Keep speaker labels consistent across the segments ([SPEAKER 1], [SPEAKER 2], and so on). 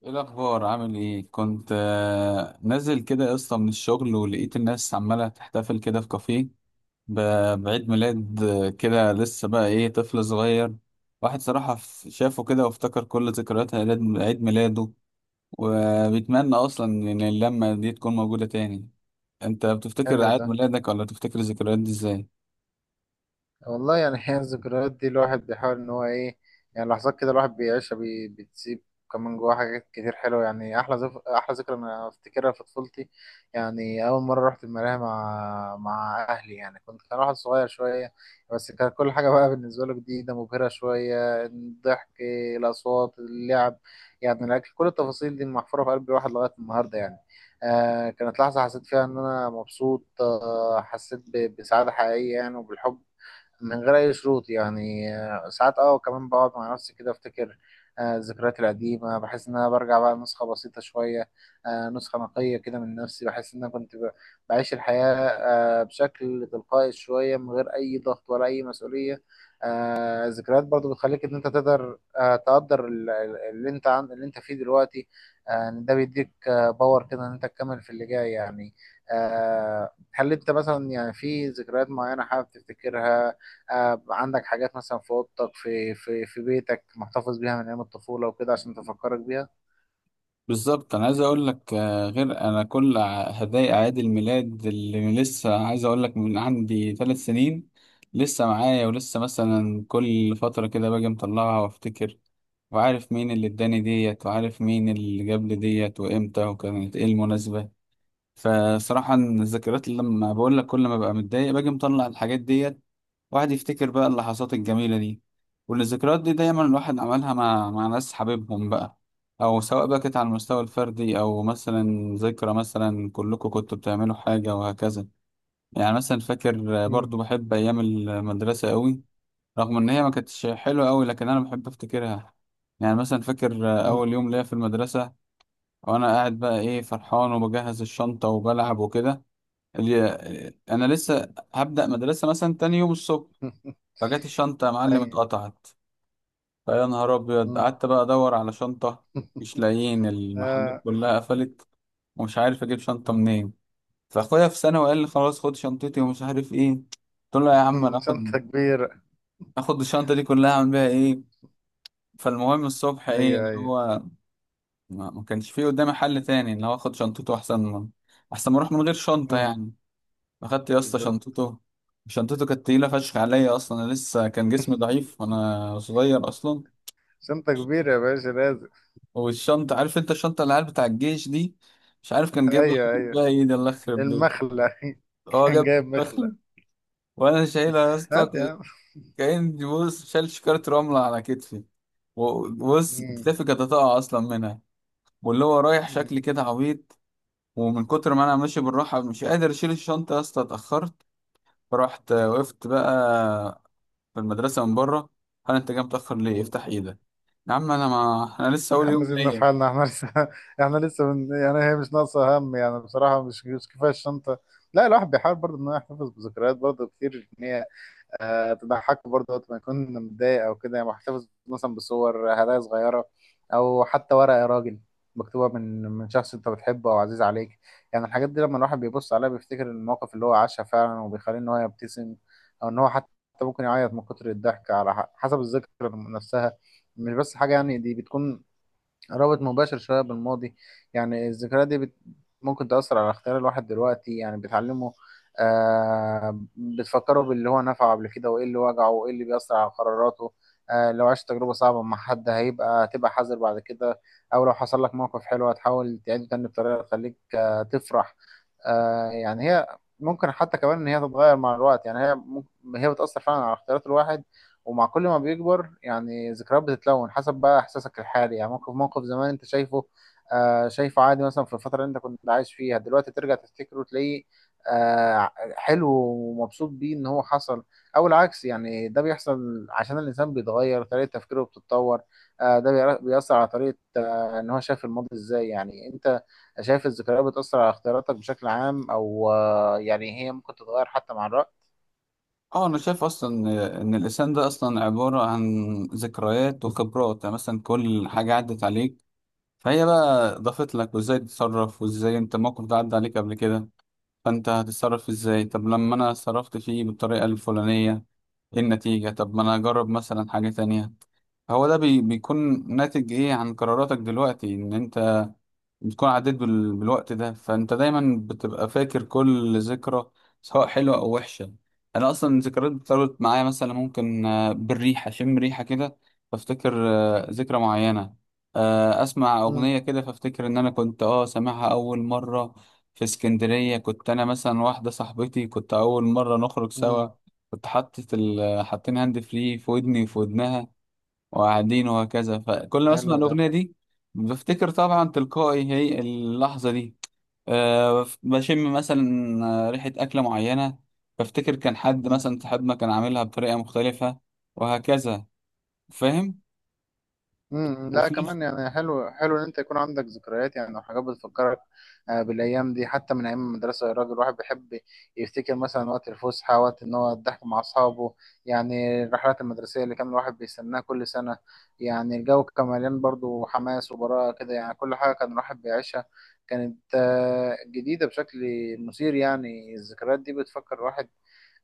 [SPEAKER 1] ايه الاخبار؟ عامل ايه؟ كنت نازل كده يا اسطى من الشغل، ولقيت الناس عماله تحتفل كده في كافيه بعيد ميلاد كده، لسه بقى ايه طفل صغير. واحد صراحه شافه كده وافتكر كل ذكريات عيد ميلاده، وبيتمنى اصلا ان اللمه دي تكون موجوده تاني. انت بتفتكر
[SPEAKER 2] حلو
[SPEAKER 1] عيد
[SPEAKER 2] ده.
[SPEAKER 1] ميلادك ولا بتفتكر الذكريات دي ازاي؟
[SPEAKER 2] والله يعني هي الذكريات دي الواحد بيحاول ان هو ايه. يعني لحظات كده الواحد بيعيشها بتسيب كمان جواه حاجات كتير حلوه، يعني احلى احلى ذكرى انا افتكرها في طفولتي. يعني اول مره رحت الملاهي مع اهلي، يعني كان واحد صغير شويه، بس كان كل حاجه بقى بالنسبه له جديده مبهره شويه، الضحك، الاصوات، اللعب، يعني الاكل، كل التفاصيل دي محفوره في قلب الواحد لغايه النهارده يعني. كانت لحظه حسيت فيها ان انا مبسوط، حسيت بسعاده حقيقيه يعني، وبالحب من غير أي شروط يعني، ساعات وكمان بقعد مع نفسي كده أفتكر الذكريات القديمة، بحس إن أنا برجع بقى نسخة بسيطة شوية، نسخة نقية كده من نفسي، بحس إن أنا كنت بعيش الحياة بشكل تلقائي شوية، من غير أي ضغط ولا أي مسؤولية. الذكريات برضو بتخليك إن أنت تقدر، تقدر اللي أنت عن اللي أنت فيه دلوقتي، إن ده بيديك باور كده إن أنت تكمل في اللي جاي يعني. هل أنت مثلا يعني في ذكريات معينة حابب تفتكرها؟ عندك حاجات مثلا في اوضتك في بيتك محتفظ بيها من ايام الطفوله وكده عشان تفكرك بيها؟
[SPEAKER 1] بالظبط، انا عايز اقول لك غير انا كل هدايا اعياد الميلاد اللي لسه، عايز اقول لك من عندي 3 سنين لسه معايا، ولسه مثلا كل فترة كده باجي مطلعها وافتكر، وعارف مين اللي اداني ديت وعارف مين اللي جاب لي ديت وامتى وكانت ايه المناسبة. فصراحة الذكريات اللي لما بقول لك، كل ما ببقى متضايق باجي مطلع الحاجات ديت، واحد يفتكر بقى اللحظات الجميلة دي. والذكريات دي دايما الواحد عملها مع ناس حبيبهم بقى، أو سواء بقى كانت على المستوى الفردي أو مثلا ذكرى، مثلا كلكم كنتوا بتعملوا حاجة وهكذا. يعني مثلا فاكر،
[SPEAKER 2] مم.
[SPEAKER 1] برضو بحب أيام المدرسة قوي، رغم إن هي ما كانتش حلوة قوي لكن أنا بحب أفتكرها. يعني مثلا فاكر
[SPEAKER 2] مم.
[SPEAKER 1] أول يوم ليا في المدرسة، وأنا قاعد بقى إيه فرحان وبجهز الشنطة وبلعب وكده، اللي انا لسه هبدأ مدرسة مثلا تاني يوم الصبح. فجت الشنطة يا معلم
[SPEAKER 2] ايوه.
[SPEAKER 1] اتقطعت! فيا نهار ابيض،
[SPEAKER 2] مم.
[SPEAKER 1] قعدت بقى ادور على شنطة مش لاقيين، المحلات
[SPEAKER 2] آه.
[SPEAKER 1] كلها قفلت، ومش عارف اجيب شنطة
[SPEAKER 2] مم.
[SPEAKER 1] منين. فاخويا في ثانوي قال لي خلاص خد شنطتي ومش عارف ايه، قلت له يا عم انا اخد
[SPEAKER 2] شنطه كبيره.
[SPEAKER 1] اخد الشنطة دي كلها اعمل بيها ايه؟ فالمهم الصبح ايه
[SPEAKER 2] ايوه
[SPEAKER 1] اللي
[SPEAKER 2] ايوه.
[SPEAKER 1] هو، ما كانش فيه قدامي حل تاني ان هو اخد شنطته، احسن ما اروح من غير شنطة
[SPEAKER 2] مم.
[SPEAKER 1] يعني. اخدت يا اسطى
[SPEAKER 2] بالظبط.
[SPEAKER 1] شنطته. شنطته كانت تقيله فشخ عليا، اصلا انا لسه كان جسمي ضعيف وانا صغير اصلا.
[SPEAKER 2] شنطه كبيره يا باشا، لازم.
[SPEAKER 1] والشنطه عارف انت الشنطه العيال بتاع الجيش دي، مش عارف كان جايب لها
[SPEAKER 2] ايوه ايوه.
[SPEAKER 1] بقى ايه، ده الله يخرب بيته،
[SPEAKER 2] المخله.
[SPEAKER 1] هو
[SPEAKER 2] كان
[SPEAKER 1] جاب
[SPEAKER 2] جايب مخله.
[SPEAKER 1] بخل. وانا شايلها يا اسطى
[SPEAKER 2] هات يا عم.
[SPEAKER 1] كأني بص شايل شكاره رمله على كتفي، وبص
[SPEAKER 2] مم.
[SPEAKER 1] كتفي كانت هتقع اصلا منها، واللي هو رايح شكلي
[SPEAKER 2] مم.
[SPEAKER 1] كده عبيط. ومن كتر ما انا ماشي بالراحه مش قادر اشيل الشنطه يا اسطى اتاخرت. فرحت وقفت بقى في المدرسة من بره. هل أنت جاي متأخر ليه؟
[SPEAKER 2] مم.
[SPEAKER 1] افتح إيدك. يا عم أنا، ما أنا لسه
[SPEAKER 2] يا
[SPEAKER 1] أول
[SPEAKER 2] عم
[SPEAKER 1] يوم
[SPEAKER 2] سيبنا في
[SPEAKER 1] ليا.
[SPEAKER 2] حالنا، احنا لسه احنا لسه من يعني هي مش ناقصة هم، يعني بصراحة مش كفاية الشنطة. لا، الواحد بيحاول برضه ان هو يحتفظ بذكريات برضه كتير، ان هي تضحكه برضه وقت ما يكون متضايق او كده، يعني محتفظ مثلا بصور، هدايا صغيرة، او حتى ورقة يا راجل مكتوبة من شخص انت بتحبه او عزيز عليك. يعني الحاجات دي لما الواحد بيبص عليها بيفتكر المواقف اللي هو عاشها فعلا، وبيخليه ان هو يبتسم، او ان هو حتى ممكن يعيط من كتر الضحك على حسب الذكرى نفسها. مش بس حاجة، يعني دي بتكون رابط مباشر شوية بالماضي. يعني الذكريات دي ممكن تأثر على اختيار الواحد دلوقتي، يعني بتعلمه، بتفكره باللي هو نفعه قبل كده وإيه اللي وجعه وإيه اللي بيأثر على قراراته. لو عشت تجربة صعبة مع حد تبقى حذر بعد كده، أو لو حصل لك موقف حلو هتحاول تعيده تاني بطريقة تخليك تفرح. يعني هي ممكن حتى كمان إن هي تتغير مع الوقت، يعني هي ممكن هي بتأثر فعلا على اختيارات الواحد، ومع كل ما بيكبر، يعني ذكريات بتتلون حسب بقى احساسك الحالي، يعني موقف زمان انت شايفه شايفه عادي، مثلا في الفتره اللي انت كنت عايش فيها دلوقتي ترجع تفتكره وتلاقيه آه حلو ومبسوط بيه ان هو حصل، او العكس. يعني ده بيحصل عشان الانسان بيتغير، طريقه تفكيره بتتطور، ده بيأثر على طريقه ان هو شايف الماضي ازاي. يعني انت شايف الذكريات بتأثر على اختياراتك بشكل عام، او يعني هي ممكن تتغير حتى مع الوقت؟
[SPEAKER 1] أه أنا شايف أصلا إن الإنسان ده أصلا عبارة عن ذكريات وخبرات. يعني مثلا كل حاجة عدت عليك فهي بقى ضافت لك، وإزاي تتصرف، وإزاي أنت الموقف ده عدى عليك قبل كده فأنت هتتصرف إزاي. طب لما أنا صرفت فيه بالطريقة الفلانية إيه النتيجة؟ طب ما أنا أجرب مثلا حاجة تانية. هو ده بيكون ناتج ايه عن قراراتك دلوقتي، ان انت بتكون عديت بالوقت ده، فانت دايما بتبقى فاكر كل ذكرى سواء حلوة او وحشة. انا اصلا الذكريات بتربط معايا، مثلا ممكن بالريحة اشم ريحة كده فافتكر ذكرى معينة، اسمع
[SPEAKER 2] امم.
[SPEAKER 1] اغنية كده فافتكر ان انا كنت سامعها اول مرة في اسكندرية. كنت انا مثلا واحدة صاحبتي، كنت اول مرة نخرج
[SPEAKER 2] امم.
[SPEAKER 1] سوا، كنت حاطين هاند فري في ودني وفي ودنها، وقاعدين وهكذا. فكل ما اسمع
[SPEAKER 2] حلو
[SPEAKER 1] الاغنيه دي بفتكر طبعا تلقائي هي اللحظه دي. أه بشم مثلا ريحه اكله معينه، بفتكر كان حد
[SPEAKER 2] ده.
[SPEAKER 1] مثلا صاحبنا كان عاملها بطريقه مختلفه وهكذا. فاهم؟
[SPEAKER 2] امم. لا،
[SPEAKER 1] وفي
[SPEAKER 2] كمان يعني حلو حلو ان انت يكون عندك ذكريات يعني او حاجات بتفكرك بالايام دي، حتى من ايام المدرسه يا راجل الواحد بيحب يفتكر مثلا وقت الفسحه، وقت ان هو الضحك مع اصحابه، يعني الرحلات المدرسيه اللي كان الواحد بيستناها كل سنه. يعني الجو كان مليان برضه حماس وبراءه كده، يعني كل حاجه كان الواحد بيعيشها كانت جديده بشكل مثير. يعني الذكريات دي بتفكر الواحد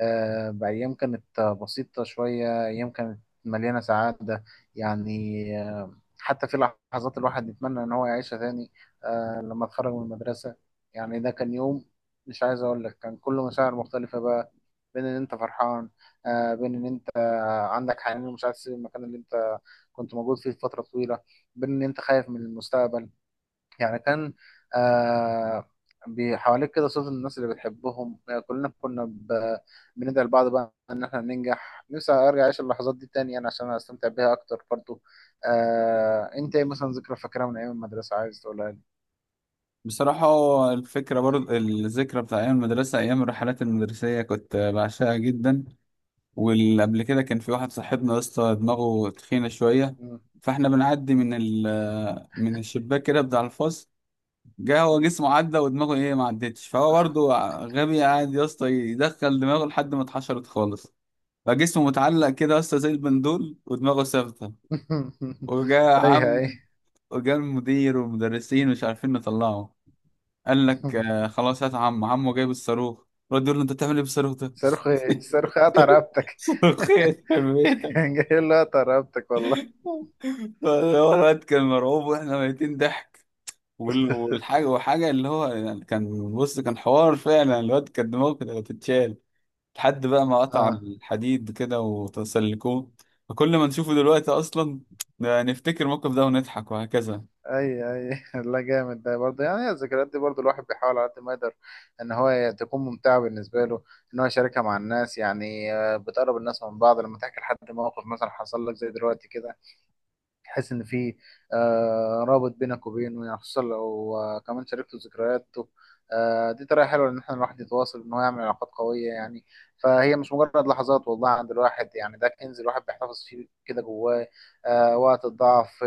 [SPEAKER 2] بأيام كانت بسيطة شوية، أيام كانت مليانة سعادة، يعني حتى في لحظات الواحد يتمنى إن هو يعيشها تاني. لما اتخرج من المدرسة، يعني ده كان يوم مش عايز أقول لك، كان كله مشاعر مختلفة بقى، بين إن أنت فرحان، بين إن أنت عندك حنين ومش عايز تسيب المكان اللي أنت كنت موجود فيه فترة طويلة، بين إن أنت خايف من المستقبل. يعني كان آه بحواليك كده صوت الناس اللي بتحبهم، كلنا كنا بندعي لبعض بقى ان احنا ننجح. نفسي ارجع اعيش اللحظات دي تاني يعني عشان استمتع بيها اكتر برضو. انت ايه مثلا ذكرى فاكرها من ايام المدرسة عايز تقولها لي؟
[SPEAKER 1] بصراحه الفكره، برضه الذكرى بتاع ايام المدرسه، ايام الرحلات المدرسيه كنت بعشقها جدا. والقبل كده كان في واحد صاحبنا يا اسطى دماغه تخينه شويه،
[SPEAKER 2] مم.
[SPEAKER 1] فاحنا بنعدي من الشباك كده بتاع الفصل، جه هو جسمه عدى ودماغه ايه ما عدتش، فهو برضه غبي قاعد يا اسطى يدخل دماغه لحد ما اتحشرت خالص. فجسمه متعلق كده يا اسطى زي البندول ودماغه ثابته. وجا
[SPEAKER 2] ايوه ايوه.
[SPEAKER 1] عم وجا المدير والمدرسين مش عارفين نطلعه، قال لك آه خلاص هات عم، عمه جايب الصاروخ، رد يقول له انت بتعمل ايه بالصاروخ ده؟
[SPEAKER 2] صاروخي صاروخي قطع رقبتك.
[SPEAKER 1] صاروخين في بيتك!
[SPEAKER 2] كان جاي له قطع رقبتك والله.
[SPEAKER 1] هو الواد كان مرعوب واحنا ميتين ضحك. وال- والحاجه وحاجه اللي هو يعني كان حوار فعلا، الواد كان دماغه كانت هتتشال، لحد بقى ما قطع
[SPEAKER 2] اه.
[SPEAKER 1] الحديد كده وتسلكوه. فكل ما نشوفه دلوقتي اصلا، ده نفتكر الموقف ده ونضحك وهكذا.
[SPEAKER 2] اي اي. لا جامد ده برضه، يعني الذكريات دي برضه الواحد بيحاول على قد ما يقدر ان هو تكون ممتعه بالنسبه له، ان هو يشاركها مع الناس، يعني بتقرب الناس من بعض لما تحكي لحد موقف مثلا حصل لك زي دلوقتي كده، تحس ان في رابط بينك وبينه، يعني خصوصا لو كمان شاركته ذكرياته. دي طريقه حلوه ان احنا الواحد يتواصل ان هو يعمل علاقات قويه يعني. فهي مش مجرد لحظات والله عند الواحد، يعني ده كنز الواحد بيحتفظ فيه كده جواه وقت الضعف،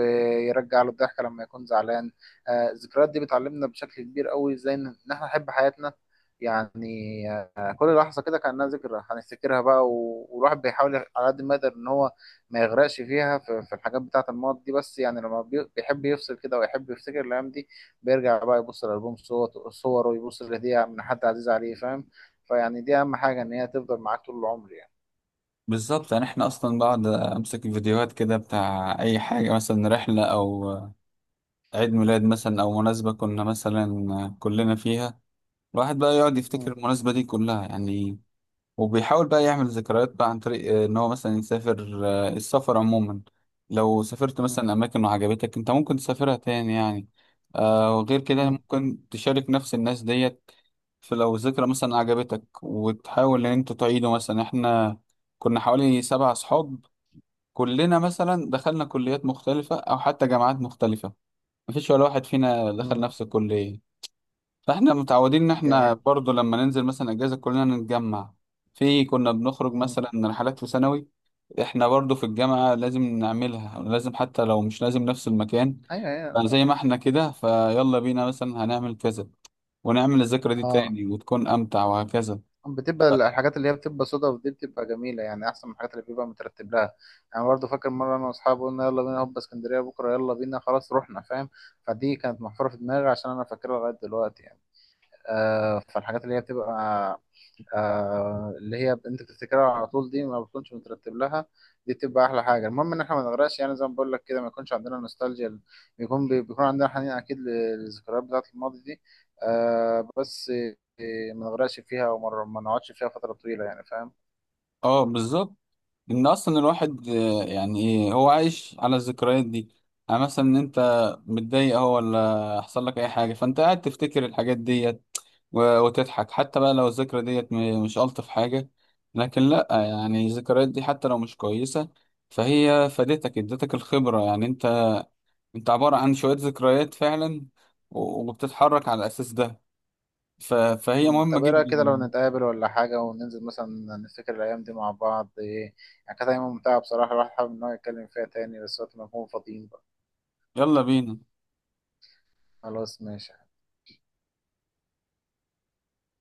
[SPEAKER 2] يرجع له الضحكه لما يكون زعلان. الذكريات دي بتعلمنا بشكل كبير قوي ازاي إن احنا نحب حياتنا، يعني كل لحظه كده كانها ذكرى هنفتكرها بقى، والواحد بيحاول على قد ما يقدر ان هو ما يغرقش فيها، في الحاجات بتاعة الماضي دي، بس يعني لما بيحب يفصل كده ويحب يفتكر الأيام دي بيرجع بقى يبص لألبوم صور صوره، ويبص لهدية من حد عزيز عليه، فاهم؟ فيعني دي أهم حاجة، إن هي تفضل معاك طول العمر يعني.
[SPEAKER 1] بالظبط، يعني احنا اصلا بقعد امسك الفيديوهات كده بتاع اي حاجه، مثلا رحله او عيد ميلاد مثلا او مناسبه كنا مثلا كلنا فيها، الواحد بقى يقعد يفتكر
[SPEAKER 2] مم.
[SPEAKER 1] المناسبه دي كلها يعني. وبيحاول بقى يعمل ذكريات بقى عن طريق ان هو مثلا يسافر. السفر عموما لو سافرت
[SPEAKER 2] مم.
[SPEAKER 1] مثلا اماكن وعجبتك انت، ممكن تسافرها تاني يعني. وغير كده
[SPEAKER 2] مم.
[SPEAKER 1] ممكن تشارك نفس الناس ديت. فلو ذكرى مثلا عجبتك وتحاول ان انت تعيده، مثلا احنا كنا حوالي 7 اصحاب، كلنا مثلا دخلنا كليات مختلفة او حتى جامعات مختلفة، مفيش ولا واحد فينا دخل
[SPEAKER 2] مم.
[SPEAKER 1] نفس الكلية. فاحنا متعودين ان احنا
[SPEAKER 2] جامد.
[SPEAKER 1] برضو لما ننزل مثلا اجازه كلنا نتجمع. في كنا بنخرج
[SPEAKER 2] مم.
[SPEAKER 1] مثلا رحلات في ثانوي، احنا برضو في الجامعه لازم نعملها، لازم حتى لو مش لازم نفس المكان.
[SPEAKER 2] أيوه أيوه.
[SPEAKER 1] فزي ما احنا كده فيلا بينا مثلا هنعمل كذا ونعمل الذكرى دي
[SPEAKER 2] أه.
[SPEAKER 1] تاني وتكون امتع وهكذا.
[SPEAKER 2] بتبقى
[SPEAKER 1] ف-
[SPEAKER 2] الحاجات اللي هي بتبقى صدف دي بتبقى جميلة، يعني أحسن من الحاجات اللي بيبقى مترتب لها. يعني برضه فاكر مرة أنا وأصحابي قلنا يلا بينا هوب اسكندرية بكرة، يلا بينا، خلاص رحنا، فاهم؟ فدي كانت محفورة في دماغي عشان أنا فاكرها لغاية دلوقتي يعني. فالحاجات اللي هي بتبقى اللي هي انت بتفتكرها على طول دي ما بتكونش مترتب لها، دي بتبقى احلى حاجه. المهم ان احنا ما نغرقش، يعني زي ما بقول لك كده، ما يكونش عندنا نوستالجيا. بيكون بيكون عندنا حنين اكيد للذكريات بتاعه الماضي دي، بس ما نغرقش فيها، وما ما نقعدش فيها فتره طويله، يعني فاهم؟
[SPEAKER 1] اه بالظبط، ان اصلا الواحد يعني ايه هو عايش على الذكريات دي. يعني مثلا ان انت متضايق اهو، ولا حصل لك اي حاجه، فانت قاعد تفتكر الحاجات ديت و- وتضحك. حتى بقى لو الذكرى ديت مش الطف حاجه، لكن لا يعني الذكريات دي حتى لو مش كويسه، فهي فادتك، ادتك الخبره. يعني انت عباره عن شويه ذكريات فعلا، و- وبتتحرك على الاساس ده. فهي
[SPEAKER 2] مم.
[SPEAKER 1] مهمه
[SPEAKER 2] طب ايه رايك كده لو
[SPEAKER 1] جدا.
[SPEAKER 2] نتقابل ولا حاجه، وننزل مثلا نفتكر الايام دي مع بعض، إيه؟ يعني كانت ايام ممتعه بصراحه، الواحد حابب ان هو يتكلم فيها تاني، بس وقت ما نكون فاضيين بقى.
[SPEAKER 1] يلا بينا.
[SPEAKER 2] خلاص ماشي.